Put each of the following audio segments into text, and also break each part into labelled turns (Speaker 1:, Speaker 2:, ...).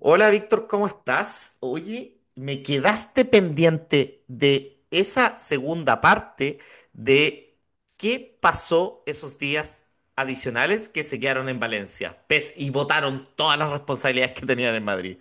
Speaker 1: Hola Víctor, ¿cómo estás? Oye, me quedaste pendiente de esa segunda parte de qué pasó esos días adicionales que se quedaron en Valencia, pes y votaron todas las responsabilidades que tenían en Madrid.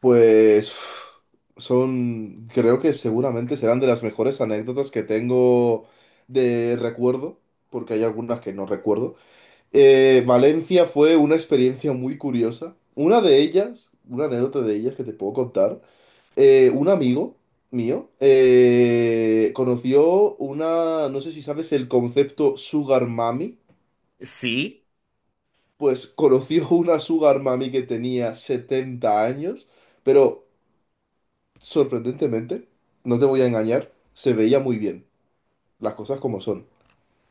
Speaker 2: Pues creo que seguramente serán de las mejores anécdotas que tengo de recuerdo, porque hay algunas que no recuerdo. Valencia fue una experiencia muy curiosa. Una de ellas, una anécdota de ellas que te puedo contar, un amigo mío conoció una, no sé si sabes el concepto Sugar Mami,
Speaker 1: Sí,
Speaker 2: pues conoció una Sugar Mami que tenía 70 años, pero... Sorprendentemente, no te voy a engañar, se veía muy bien, las cosas como son.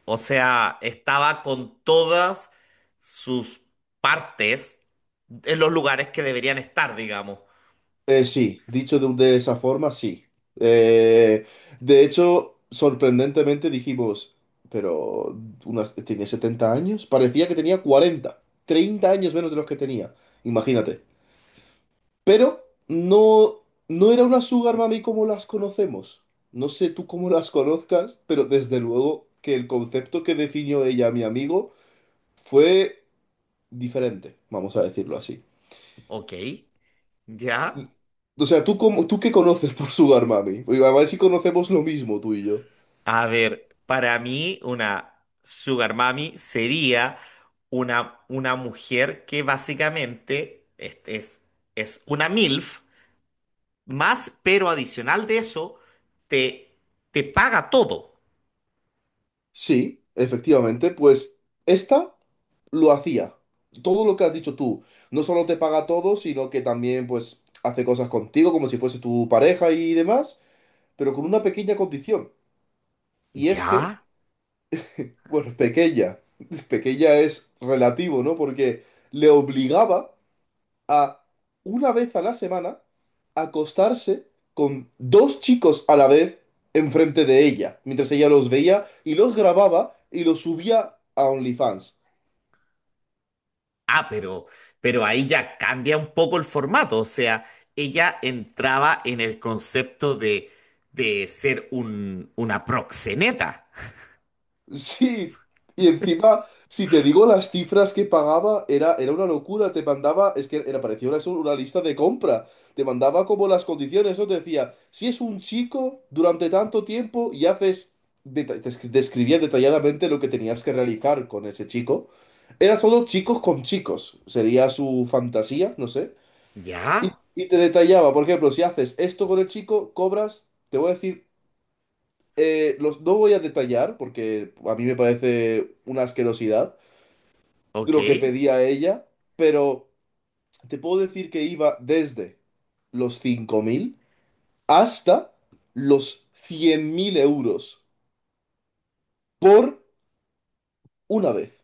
Speaker 1: o sea, estaba con todas sus partes en los lugares que deberían estar, digamos.
Speaker 2: Sí, dicho de esa forma, sí. Eh, de hecho, sorprendentemente dijimos, pero tenía 70 años, parecía que tenía 40 30 años menos de los que tenía, imagínate. Pero no, no era una sugar mami como las conocemos. No sé tú cómo las conozcas, pero desde luego que el concepto que definió ella, a mi amigo, fue diferente, vamos a decirlo así.
Speaker 1: Ok, ya.
Speaker 2: O sea, tú qué conoces por Sugar Mami? Oye, a ver si conocemos lo mismo tú y yo.
Speaker 1: A ver, para mí una sugar mami sería una mujer que básicamente es una MILF, más, pero adicional de eso, te, te paga todo.
Speaker 2: Sí, efectivamente, pues esta lo hacía. Todo lo que has dicho tú, no solo te paga todo, sino que también pues hace cosas contigo como si fuese tu pareja y demás, pero con una pequeña condición. Y es que,
Speaker 1: ¿Ya?
Speaker 2: bueno, pequeña, pequeña es relativo, ¿no? Porque le obligaba a una vez a la semana acostarse con dos chicos a la vez enfrente de ella, mientras ella los veía y los grababa y los subía a OnlyFans.
Speaker 1: Ah, pero ahí ya cambia un poco el formato. O sea, ella entraba en el concepto de ser una proxeneta.
Speaker 2: Sí, y encima, si te digo las cifras que pagaba, era una locura. Te mandaba, es que era parecía una lista de compra. Te mandaba como las condiciones, ¿no? Te decía, si es un chico durante tanto tiempo y haces, describía detalladamente lo que tenías que realizar con ese chico. Era todo chicos con chicos, sería su fantasía, no sé. Y,
Speaker 1: ¿Ya?
Speaker 2: y te detallaba, por ejemplo, si haces esto con el chico, cobras, te voy a decir, no voy a detallar porque a mí me parece una asquerosidad
Speaker 1: Ok,
Speaker 2: lo que pedía ella, pero te puedo decir que iba desde los 5.000 hasta los 100.000 euros por una vez.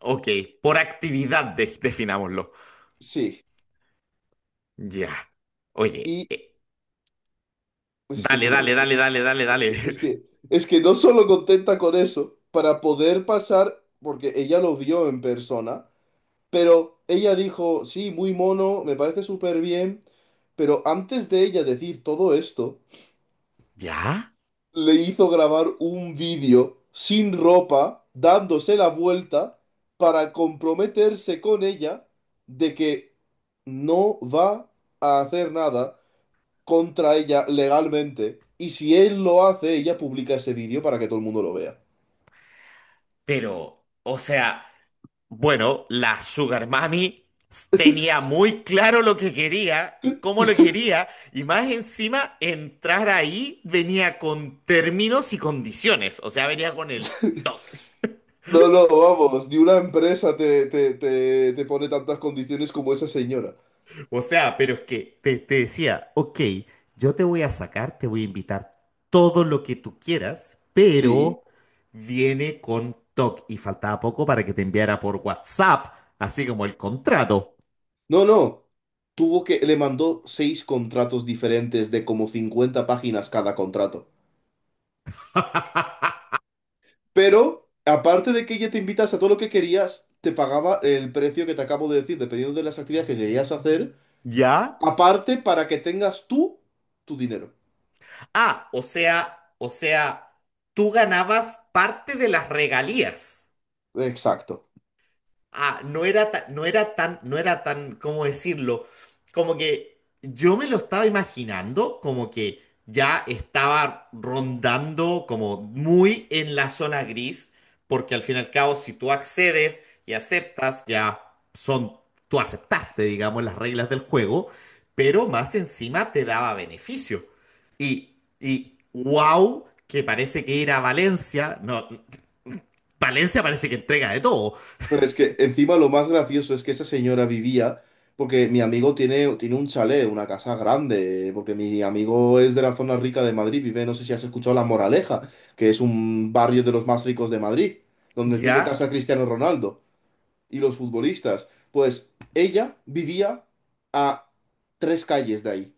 Speaker 1: ok. Por actividad, definámoslo.
Speaker 2: Sí,
Speaker 1: Ya. Oye,
Speaker 2: y es que es
Speaker 1: dale,
Speaker 2: una
Speaker 1: dale,
Speaker 2: locura.
Speaker 1: dale, dale, dale,
Speaker 2: Es
Speaker 1: dale.
Speaker 2: que, es que, es que no solo contenta con eso, para poder pasar, porque ella lo vio en persona. Pero ella dijo, sí, muy mono, me parece súper bien, pero antes de ella decir todo esto,
Speaker 1: ¿Ya?
Speaker 2: le hizo grabar un vídeo sin ropa, dándose la vuelta, para comprometerse con ella de que no va a hacer nada contra ella legalmente. Y si él lo hace, ella publica ese vídeo para que todo el mundo lo vea.
Speaker 1: Pero, o sea, bueno, la Sugar Mami tenía muy claro lo que quería y cómo lo quería, y más encima, entrar ahí venía con términos y condiciones, o sea, venía con el toque.
Speaker 2: No, no, vamos, ni una empresa te pone tantas condiciones como esa señora.
Speaker 1: O sea, pero es que te decía, ok, yo te voy a sacar, te voy a invitar todo lo que tú quieras, pero
Speaker 2: Sí.
Speaker 1: viene con TOC y faltaba poco para que te enviara por WhatsApp, así como el contrato.
Speaker 2: No, no. Le mandó seis contratos diferentes de como 50 páginas cada contrato. Pero, aparte de que ella te invitas a todo lo que querías, te pagaba el precio que te acabo de decir, dependiendo de las actividades que querías hacer,
Speaker 1: ¿Ya?
Speaker 2: aparte para que tengas tú tu dinero.
Speaker 1: Ah, o sea, tú ganabas parte de las regalías.
Speaker 2: Exacto.
Speaker 1: Ah, no era tan, ¿cómo decirlo? Como que yo me lo estaba imaginando, como que ya estaba rondando como muy en la zona gris, porque al fin y al cabo, si tú accedes y aceptas, ya son, tú aceptaste, digamos, las reglas del juego, pero más encima te daba beneficio. Y wow, que parece que ir a Valencia, no, Valencia parece que entrega de todo,
Speaker 2: Pero es que encima lo más gracioso es que esa señora vivía, porque mi amigo tiene un chalet, una casa grande, porque mi amigo es de la zona rica de Madrid, vive, no sé si has escuchado La Moraleja, que es un barrio de los más ricos de Madrid, donde tiene
Speaker 1: ¿ya?
Speaker 2: casa Cristiano Ronaldo y los futbolistas. Pues ella vivía a tres calles de ahí,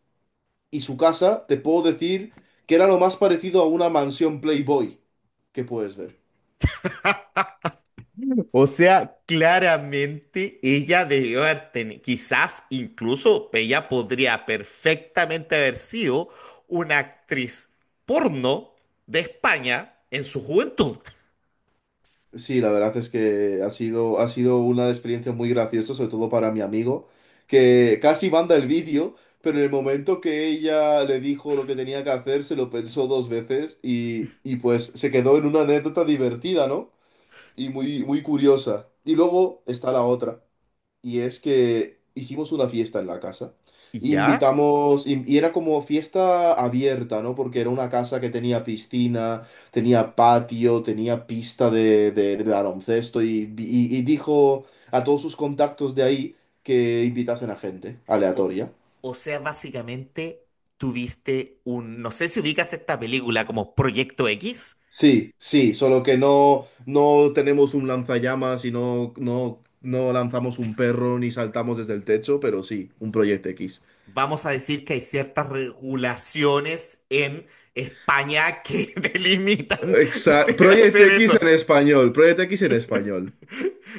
Speaker 2: y su casa, te puedo decir, que era lo más parecido a una mansión Playboy que puedes ver.
Speaker 1: O sea, claramente ella debió haber tenido, quizás incluso ella podría perfectamente haber sido una actriz porno de España en su juventud.
Speaker 2: Sí, la verdad es que ha sido una experiencia muy graciosa, sobre todo para mi amigo, que casi manda el vídeo, pero en el momento que ella le dijo lo que tenía que hacer, se lo pensó dos veces y pues se quedó en una anécdota divertida, ¿no? Y muy, muy curiosa. Y luego está la otra. Y es que hicimos una fiesta en la casa.
Speaker 1: ¿Y ya?
Speaker 2: Invitamos, y era como fiesta abierta, ¿no? Porque era una casa que tenía piscina, tenía patio, tenía pista de baloncesto y dijo a todos sus contactos de ahí que invitasen a gente
Speaker 1: O,
Speaker 2: aleatoria.
Speaker 1: o sea, básicamente tuviste un, no sé si ubicas esta película como Proyecto X.
Speaker 2: Sí, sí, solo que no tenemos un lanzallamas y no lanzamos un perro ni saltamos desde el techo, pero sí, un proyecto X.
Speaker 1: Vamos a decir que hay ciertas regulaciones en España que delimitan
Speaker 2: Exacto.
Speaker 1: de
Speaker 2: Project
Speaker 1: hacer
Speaker 2: X
Speaker 1: eso.
Speaker 2: en español. Project X en español.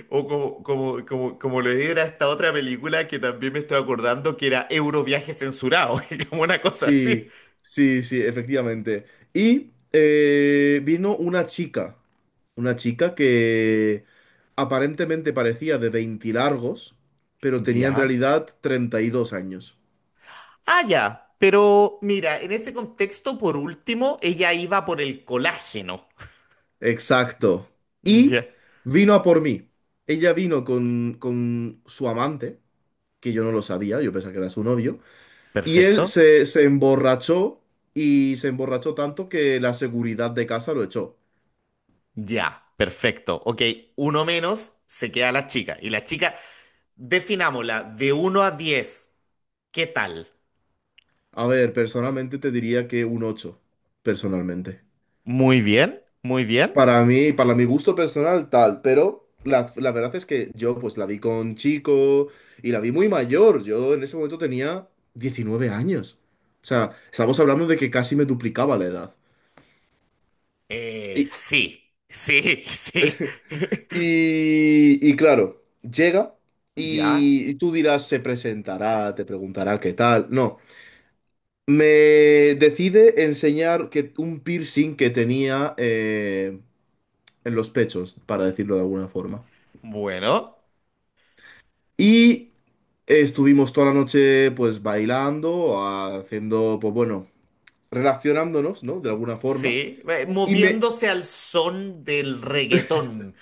Speaker 1: O como le era esta otra película que también me estoy acordando que era Euroviaje censurado, que como una cosa así.
Speaker 2: Sí, sí, sí, efectivamente. Y vino una chica. Una chica que aparentemente parecía de 20 largos, pero tenía en
Speaker 1: Ya.
Speaker 2: realidad 32 años.
Speaker 1: Ah, ya. Pero mira, en ese contexto, por último, ella iba por el colágeno.
Speaker 2: Exacto. Y
Speaker 1: Ya.
Speaker 2: vino a por mí. Ella vino con su amante, que yo no lo sabía, yo pensaba que era su novio. Y él
Speaker 1: Perfecto.
Speaker 2: se emborrachó y se emborrachó tanto que la seguridad de casa lo echó.
Speaker 1: Ya. Perfecto. Ok, uno menos, se queda la chica. Y la chica, definámosla, de uno a 10, ¿qué tal?
Speaker 2: A ver, personalmente te diría que un 8, personalmente.
Speaker 1: Muy bien, muy bien.
Speaker 2: Para mí, para mi gusto personal, tal, pero la verdad es que yo pues la vi con chico y la vi muy mayor. Yo en ese momento tenía 19 años. O sea, estamos hablando de que casi me duplicaba la edad. Y,
Speaker 1: Sí, sí, sí.
Speaker 2: y claro, llega
Speaker 1: Ya,
Speaker 2: y tú dirás, se presentará, te preguntará qué tal. No. Me decide enseñar que un piercing que tenía, en los pechos, para decirlo de alguna forma.
Speaker 1: bueno,
Speaker 2: Y estuvimos toda la noche pues bailando, haciendo, pues bueno, relacionándonos, ¿no? De alguna forma.
Speaker 1: sí,
Speaker 2: Y me,
Speaker 1: moviéndose al son del reggaetón,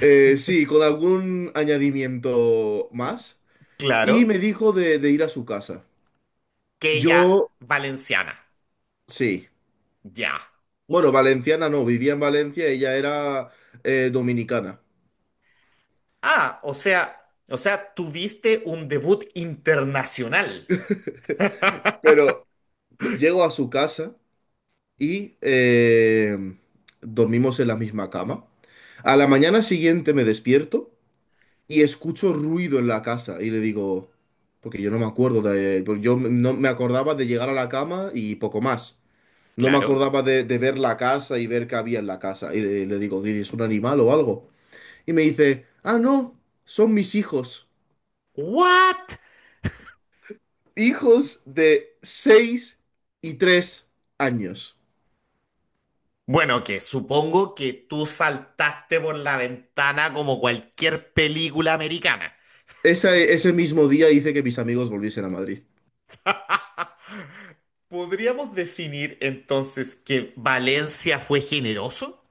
Speaker 2: sí, con algún añadimiento más.
Speaker 1: claro,
Speaker 2: Y me dijo de ir a su casa.
Speaker 1: que ella
Speaker 2: Yo,
Speaker 1: valenciana,
Speaker 2: sí.
Speaker 1: ya.
Speaker 2: Bueno, valenciana no, vivía en Valencia, ella era dominicana.
Speaker 1: Ah, o sea, tuviste un debut internacional,
Speaker 2: Pero llego a su casa. Y dormimos en la misma cama. A la mañana siguiente me despierto y escucho ruido en la casa y le digo, porque yo no me acordaba de llegar a la cama y poco más. No me
Speaker 1: claro.
Speaker 2: acordaba de ver la casa y ver qué había en la casa. Y le digo, ¿es un animal o algo? Y me dice, ah, no, son mis hijos.
Speaker 1: ¿What?
Speaker 2: Hijos de 6 y 3 años.
Speaker 1: Bueno, que supongo que tú saltaste por la ventana como cualquier película americana.
Speaker 2: Ese mismo día hice que mis amigos volviesen a Madrid.
Speaker 1: ¿Podríamos definir entonces que Valencia fue generoso?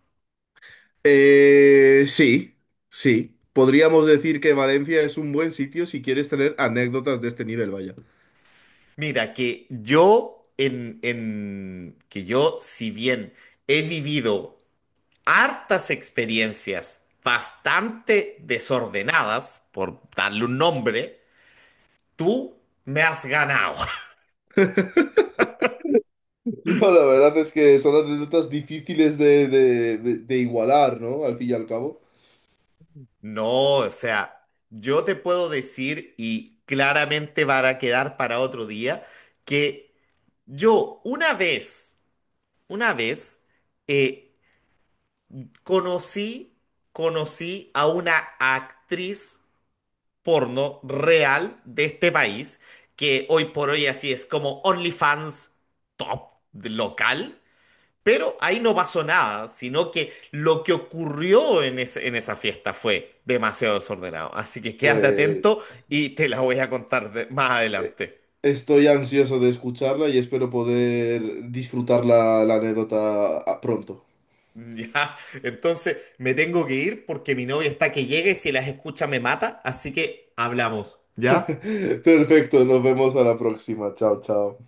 Speaker 2: Sí, sí. Podríamos decir que Valencia es un buen sitio si quieres tener anécdotas de este nivel, vaya.
Speaker 1: Mira, que yo en, que yo, si bien he vivido hartas experiencias bastante desordenadas, por darle un nombre, tú me has ganado.
Speaker 2: No, la verdad es que son anécdotas difíciles de igualar, ¿no? Al fin y al cabo.
Speaker 1: No, o sea, yo te puedo decir, y claramente va a quedar para otro día, que yo una vez, eh, conocí, conocí a una actriz porno real de este país, que hoy por hoy así es como OnlyFans top local. Pero ahí no pasó nada, sino que lo que ocurrió en esa fiesta fue demasiado desordenado. Así que quédate
Speaker 2: Pues
Speaker 1: atento y te la voy a contar más
Speaker 2: eh,
Speaker 1: adelante.
Speaker 2: estoy ansioso de escucharla y espero poder disfrutar la anécdota, pronto.
Speaker 1: Ya, entonces me tengo que ir porque mi novia está que llega y si las escucha me mata, así que hablamos. ¿Ya?
Speaker 2: Perfecto, nos vemos a la próxima. Chao, chao.